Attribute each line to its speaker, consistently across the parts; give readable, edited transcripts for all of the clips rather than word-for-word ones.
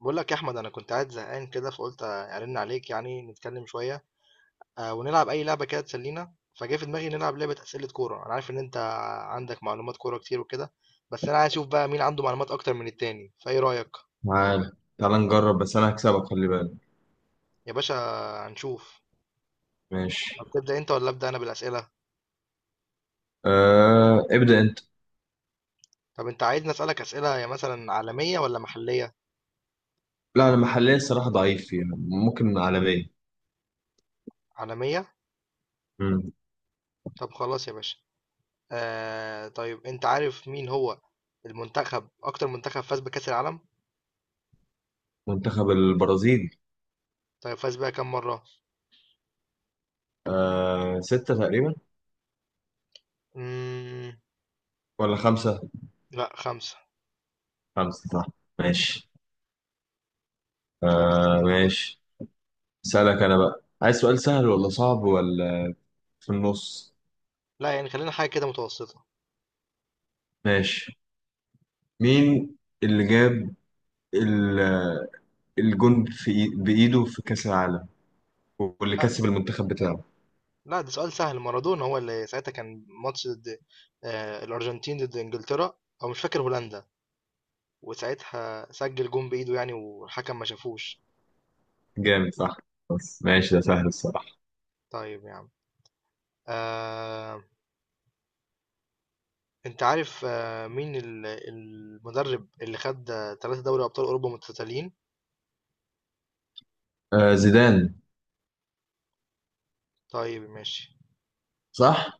Speaker 1: بقول لك يا احمد، انا كنت قاعد زهقان كده فقلت ارن عليك يعني نتكلم شويه. آه، ونلعب اي لعبه كده تسلينا. فجاء في دماغي نلعب لعبه اسئله كوره. انا عارف ان انت عندك معلومات كوره كتير وكده. بس انا عايز اشوف بقى مين عنده معلومات اكتر من التاني، فايه رايك؟
Speaker 2: تعال تعال نجرب، بس انا هكسبك خلي بالك.
Speaker 1: يا باشا، هنشوف.
Speaker 2: ماشي.
Speaker 1: طب تبدا انت ولا ابدا انا بالاسئله؟
Speaker 2: ابدأ انت.
Speaker 1: طب انت عايزني اسالك اسئله يا مثلا عالميه ولا محليه؟
Speaker 2: لا، انا محليا الصراحة ضعيف فيها، ممكن عالميا.
Speaker 1: عالميه.
Speaker 2: مم.
Speaker 1: طب خلاص يا باشا. آه طيب، انت عارف مين هو المنتخب، اكتر منتخب فاز بكاس العالم؟
Speaker 2: منتخب البرازيل.
Speaker 1: طيب فاز بيها كام
Speaker 2: ستة تقريبا،
Speaker 1: مره؟
Speaker 2: ولا خمسة.
Speaker 1: لأ، 5.
Speaker 2: خمسة صح. ماشي.
Speaker 1: لعبة أندية بقى،
Speaker 2: ماشي. سألك انا بقى، عايز سؤال سهل ولا صعب ولا في النص؟
Speaker 1: لأ يعني خلّينا حاجة كده متوسطة،
Speaker 2: ماشي. مين اللي جاب ال- الجون بإيده في كأس العالم، واللي
Speaker 1: لأ،
Speaker 2: كسب المنتخب بتاعه؟
Speaker 1: لأ، ده سؤال سهل. مارادونا هو اللي ساعتها كان ماتش ضد الأرجنتين، ضد إنجلترا أو مش فاكر هولندا، وساعتها سجّل جون بإيده يعني والحكم ما شافوش.
Speaker 2: جامد صح، بس ماشي ده سهل الصراحة.
Speaker 1: طيب يا عم، آآ أنت عارف مين المدرب اللي خَد 3 دوري أبطال أوروبا متتاليين؟
Speaker 2: زيدان،
Speaker 1: طيب ماشي،
Speaker 2: صح؟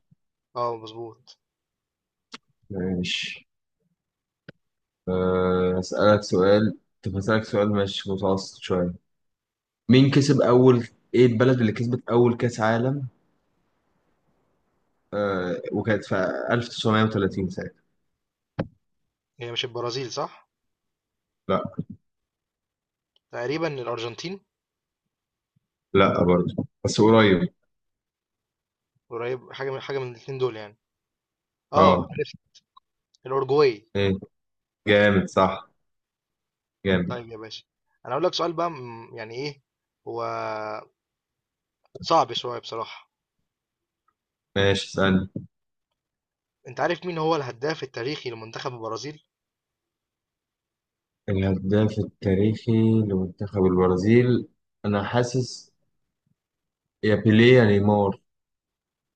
Speaker 1: آه مضبوط،
Speaker 2: ماشي. هسألك سؤال، طب هسألك سؤال مش متوسط شوية. مين كسب أول إيه البلد اللي كسبت أول كأس عالم، وكانت في 1930 ساعتها؟
Speaker 1: هي مش البرازيل صح؟
Speaker 2: لا.
Speaker 1: تقريبًا الأرجنتين.
Speaker 2: لا برضه، بس قريب.
Speaker 1: قريب، حاجة من حاجة من الاتنين دول يعني، آه
Speaker 2: اه
Speaker 1: عرفت، الأورجواي.
Speaker 2: ايه. جامد صح. جامد.
Speaker 1: طيب يا باشا، انا اقول لك سؤال بقى، يعني ايه هو، صعب شويه بصراحه.
Speaker 2: ماشي اسألني.
Speaker 1: انت عارف مين هو الهداف التاريخي لمنتخب البرازيل؟
Speaker 2: الهداف التاريخي لمنتخب البرازيل؟ أنا حاسس يا بيليه يا نيمار،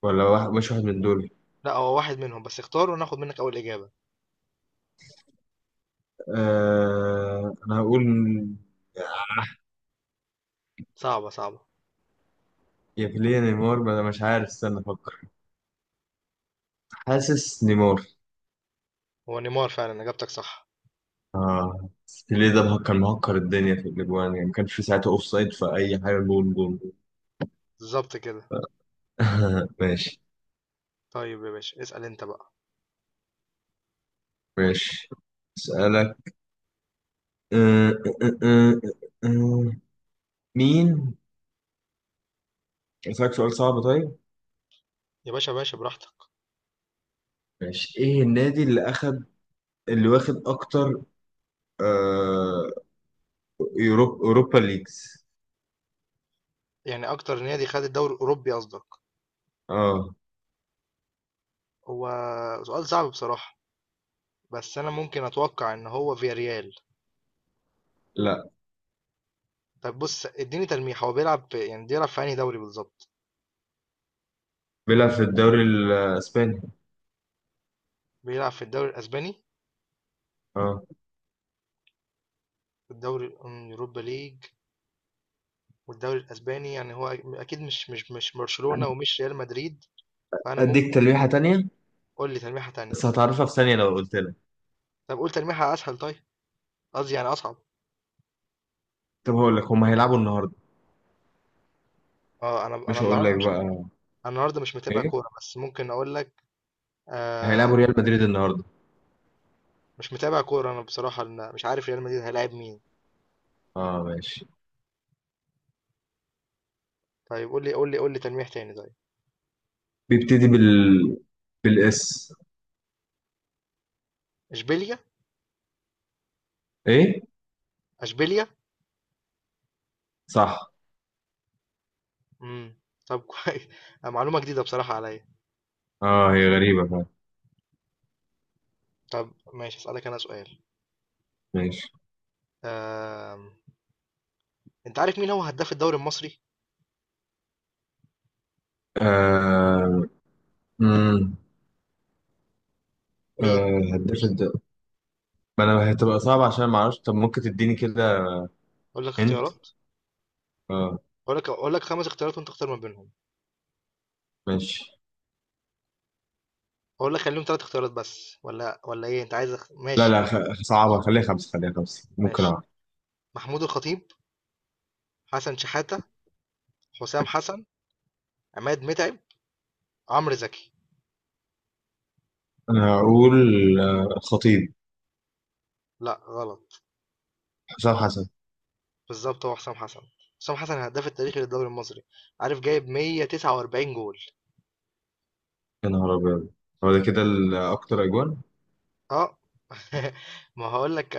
Speaker 2: ولا واحد مش واحد من دول.
Speaker 1: لا هو واحد منهم، بس اختار وناخد منك اول اجابه.
Speaker 2: أنا هقول
Speaker 1: صعبه صعبه.
Speaker 2: يا بيليه يا نيمار، ما انا مش عارف، استنى افكر. حاسس نيمار.
Speaker 1: هو نيمار فعلا، اجابتك صح.
Speaker 2: اه بس بيليه ده مهكر مهكر الدنيا في الاجوان، يعني ما كانش في ساعتها اوف سايد في اي حاجه، جول جول جول.
Speaker 1: بالظبط كده.
Speaker 2: ماشي.
Speaker 1: طيب يا باشا، اسال انت بقى.
Speaker 2: ماشي اسالك. أه، أه، أه، أه، آه، مين. اسالك سؤال صعب طيب.
Speaker 1: يا باشا يا باشا، براحتك.
Speaker 2: ماشي. ايه النادي اللي واخد اكتر آه... اوروبا ليجز؟
Speaker 1: يعني اكتر نادي خد الدوري الاوروبي قصدك؟
Speaker 2: اه.
Speaker 1: هو سؤال صعب بصراحه. بس انا ممكن اتوقع ان هو فياريال.
Speaker 2: لا،
Speaker 1: طب بص، اديني تلميح، هو بيلعب في انهي دوري بالظبط؟
Speaker 2: بيلعب في الدوري الاسباني.
Speaker 1: بيلعب في الدوري الاسباني.
Speaker 2: اه.
Speaker 1: الدوري الأم- يوروبا ليج، والدوري الأسباني يعني هو أكيد مش برشلونة ومش ريال مدريد. فأنا
Speaker 2: اديك
Speaker 1: ممكن.
Speaker 2: تلويحه تانية،
Speaker 1: قول لي تلميحة تانية.
Speaker 2: بس هتعرفها في ثانيه لو قلت.
Speaker 1: طب قول تلميحة أسهل طيب، قصدي يعني أصعب.
Speaker 2: طب هقول لك، هم هيلعبوا النهارده.
Speaker 1: اه انا
Speaker 2: مش هقول لك
Speaker 1: النهارده مش.
Speaker 2: بقى
Speaker 1: انا النهارده مش متابع
Speaker 2: ايه.
Speaker 1: كوره، بس ممكن اقول لك. آه،
Speaker 2: هيلعبوا ريال مدريد النهارده.
Speaker 1: مش متابع كوره انا بصراحه، أنا مش عارف ريال مدريد هيلاعب مين.
Speaker 2: اه ماشي.
Speaker 1: طيب قول لي تلميح تاني طيب.
Speaker 2: بيبتدي بالاس.
Speaker 1: اشبيليا؟
Speaker 2: ايه.
Speaker 1: اشبيليا.
Speaker 2: صح.
Speaker 1: امم. طب كويس. آه، معلومه جديده بصراحه عليا.
Speaker 2: اه هي غريبه فعلا.
Speaker 1: طب ماشي، اسالك انا سؤال.
Speaker 2: ماشي.
Speaker 1: آه انت عارف مين هو هداف الدوري المصري؟
Speaker 2: آه... امم
Speaker 1: مين؟
Speaker 2: آه... هداف الد- ما انا هتبقى صعبه عشان ما اعرفش، طب ممكن تديني كده
Speaker 1: اقول لك
Speaker 2: انت؟
Speaker 1: اختيارات.
Speaker 2: اه
Speaker 1: اقول لك خمس اختيارات وانت اختار ما بينهم.
Speaker 2: ماشي.
Speaker 1: اقول لك خليهم ثلاث اختيارات بس، ولا ايه انت عايز
Speaker 2: لا
Speaker 1: ماشي
Speaker 2: لا
Speaker 1: خلاص.
Speaker 2: خ... صعبه، خليها خمسه، خليها خمسه ممكن
Speaker 1: ماشي.
Speaker 2: اعرف.
Speaker 1: محمود الخطيب، حسن شحاتة، حسام حسن، عماد متعب، عمرو زكي.
Speaker 2: انا هقول خطيب.
Speaker 1: لا غلط.
Speaker 2: حسام حسن.
Speaker 1: بالظبط، هو حسام حسن. حسام حسن الهداف التاريخي للدوري المصري، عارف جايب 149 جول.
Speaker 2: يا نهار ابيض. هو ده كده اكتر اجوان؟
Speaker 1: اه. ما هقول لك،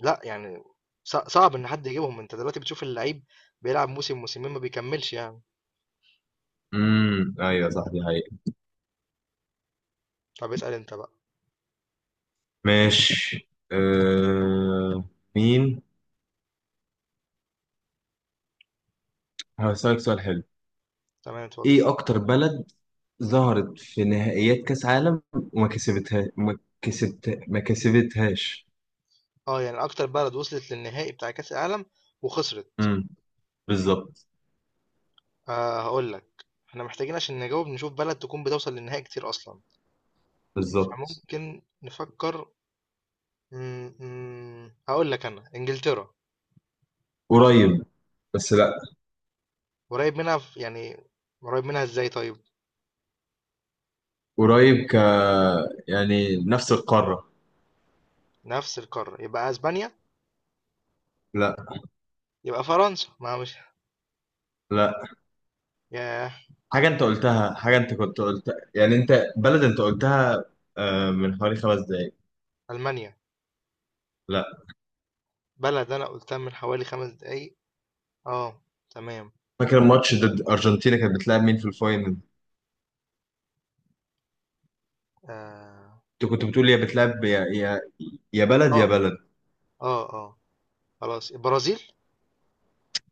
Speaker 1: لا يعني صعب ان حد يجيبهم. انت دلوقتي بتشوف اللعيب بيلعب موسم موسمين ما بيكملش يعني.
Speaker 2: ايوه صح دي حقيقة.
Speaker 1: طب اسأل انت بقى.
Speaker 2: ماشي مين. هسألك سؤال حلو.
Speaker 1: تمام اتفضل.
Speaker 2: ايه اكتر بلد ظهرت في نهائيات كاس عالم وما كسبتها ما كسبت ما كسبتهاش؟
Speaker 1: آه، يعني أكتر بلد وصلت للنهائي بتاع كأس العالم وخسرت؟
Speaker 2: امم بالظبط.
Speaker 1: آه، هقول لك احنا محتاجين عشان نجاوب نشوف بلد تكون بتوصل للنهائي كتير أصلا.
Speaker 2: بالظبط.
Speaker 1: فممكن نفكر. م- هقول لك أنا إنجلترا.
Speaker 2: قريب بس لا.
Speaker 1: قريب منها في يعني، قريب منها إزاي طيب؟
Speaker 2: قريب ك يعني نفس القارة.
Speaker 1: نفس القارة، يبقى أسبانيا.
Speaker 2: لا.
Speaker 1: يبقى فرنسا، ما مش.
Speaker 2: لا.
Speaker 1: ياه.
Speaker 2: حاجة انت قلتها، حاجة انت كنت قلتها، يعني انت بلد انت قلتها من حوالي خمس دقايق.
Speaker 1: ألمانيا.
Speaker 2: لا.
Speaker 1: بلد أنا قلتها من حوالي 5 دقايق. آه. تمام.
Speaker 2: فاكر الماتش ضد ارجنتينا، كانت بتلعب مين في الفاينل؟
Speaker 1: آه
Speaker 2: انت كنت بتقول يا بلد يا
Speaker 1: آه
Speaker 2: بلد.
Speaker 1: آه آه خلاص، البرازيل.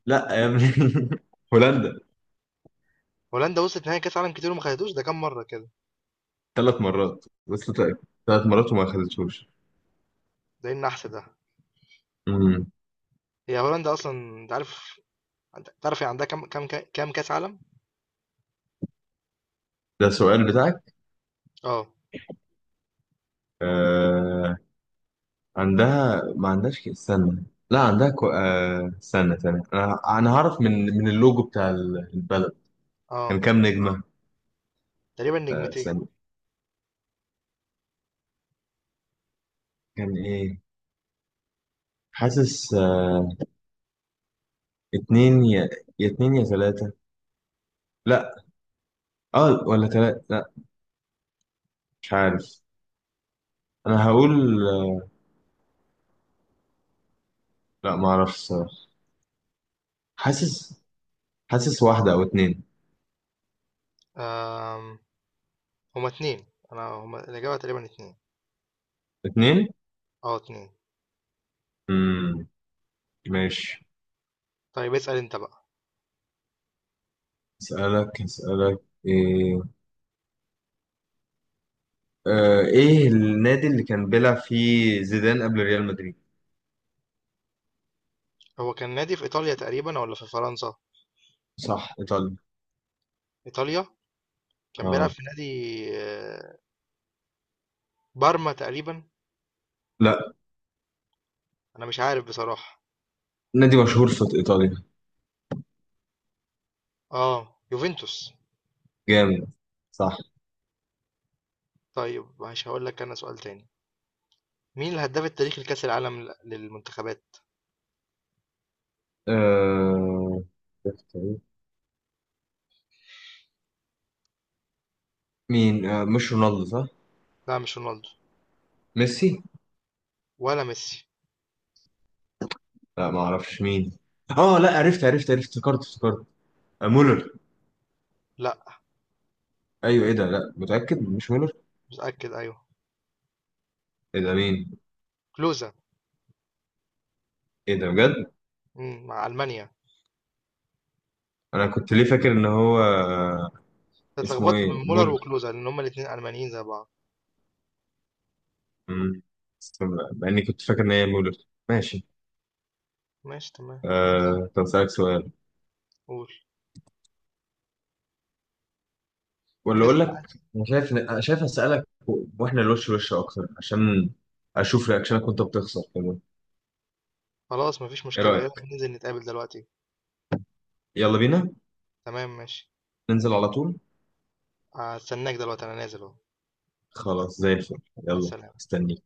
Speaker 2: لا يا ابني. هولندا.
Speaker 1: هولندا وصلت نهائي كأس عالم كتير وما خدتوش، ده كام مرة كده؟
Speaker 2: ثلاث مرات بس. ثلاث مرات وما خدتهوش.
Speaker 1: زي النحس ده.
Speaker 2: امم.
Speaker 1: هي هولندا اصلا، انت عارف، انت تعرف هي عندها كام كاس عالم؟
Speaker 2: ده السؤال بتاعك؟
Speaker 1: اه.
Speaker 2: آه... عندها ما عندهاش استنى. لا عندها استنى ثانية، انا هعرف من من اللوجو بتاع البلد. كان
Speaker 1: اه،
Speaker 2: كام نجمة.
Speaker 1: تقريبا نجمتين.
Speaker 2: استنى. كان ايه. حاسس اتنين، يا يا اتنين يا ثلاثة. لا. اه ولا ثلاثة، لا. مش عارف. انا هقول لا ما اعرفش. حاسس. حاسس واحدة أو اتنين.
Speaker 1: آم. هما اتنين. انا هما الاجابه تقريبا اتنين.
Speaker 2: اتنين؟
Speaker 1: اه، اتنين.
Speaker 2: مم. ماشي.
Speaker 1: طيب اسال انت بقى.
Speaker 2: اسألك ايه. آه ايه النادي اللي كان بيلعب فيه زيدان قبل ريال مدريد؟
Speaker 1: هو كان نادي في ايطاليا تقريبا ولا في فرنسا؟
Speaker 2: صح ايطاليا.
Speaker 1: ايطاليا. كان بيلعب
Speaker 2: اه.
Speaker 1: في نادي، آه، بارما تقريبا.
Speaker 2: لا،
Speaker 1: انا مش عارف بصراحه.
Speaker 2: نادي مشهور في ايطاليا.
Speaker 1: اه، يوفنتوس.
Speaker 2: جامد، صح.
Speaker 1: طيب، مش هقول لك انا سؤال تاني. مين الهداف التاريخي لكاس العالم للمنتخبات؟
Speaker 2: آه مين. آه مش رونالدو صح؟
Speaker 1: لا، مش رونالدو.
Speaker 2: ميسي؟
Speaker 1: ولا ميسي.
Speaker 2: لا، ما اعرفش مين. اه لا عرفت عرفت عرفت، افتكرت افتكرت. آه
Speaker 1: قول.
Speaker 2: مولر.
Speaker 1: لا
Speaker 2: ايوه ايه ده، لا متأكد مش مولر؟
Speaker 1: متأكد أيوه.
Speaker 2: ايه ده مين؟
Speaker 1: كلوزا.
Speaker 2: ايه ده بجد؟
Speaker 1: مع ألمانيا.
Speaker 2: انا كنت ليه فاكر ان هو
Speaker 1: أنت
Speaker 2: اسمه
Speaker 1: اتلخبطت من
Speaker 2: ايه،
Speaker 1: مولر
Speaker 2: مولر.
Speaker 1: وكلوزا لأن هما الاتنين ألمانيين زي بعض.
Speaker 2: مم. مع اني كنت فاكر ان هي مولر. ماشي.
Speaker 1: ماشي تمام.
Speaker 2: طب اسالك سؤال،
Speaker 1: قول.
Speaker 2: ولا اقول
Speaker 1: اسأل
Speaker 2: لك.
Speaker 1: عادي.
Speaker 2: انا شايف، انا شايف اسالك واحنا وش اكتر، عشان اشوف رياكشنك وانت بتخسر كمان.
Speaker 1: خلاص، مفيش
Speaker 2: ايه
Speaker 1: مشكلة، يلا
Speaker 2: رايك.
Speaker 1: ننزل نتقابل دلوقتي.
Speaker 2: يلا بينا.
Speaker 1: تمام ماشي.
Speaker 2: ننزل على طول.
Speaker 1: هستناك دلوقتي، أنا نازل أهو.
Speaker 2: خلاص زي الفل. يلا.
Speaker 1: هستناك.
Speaker 2: استني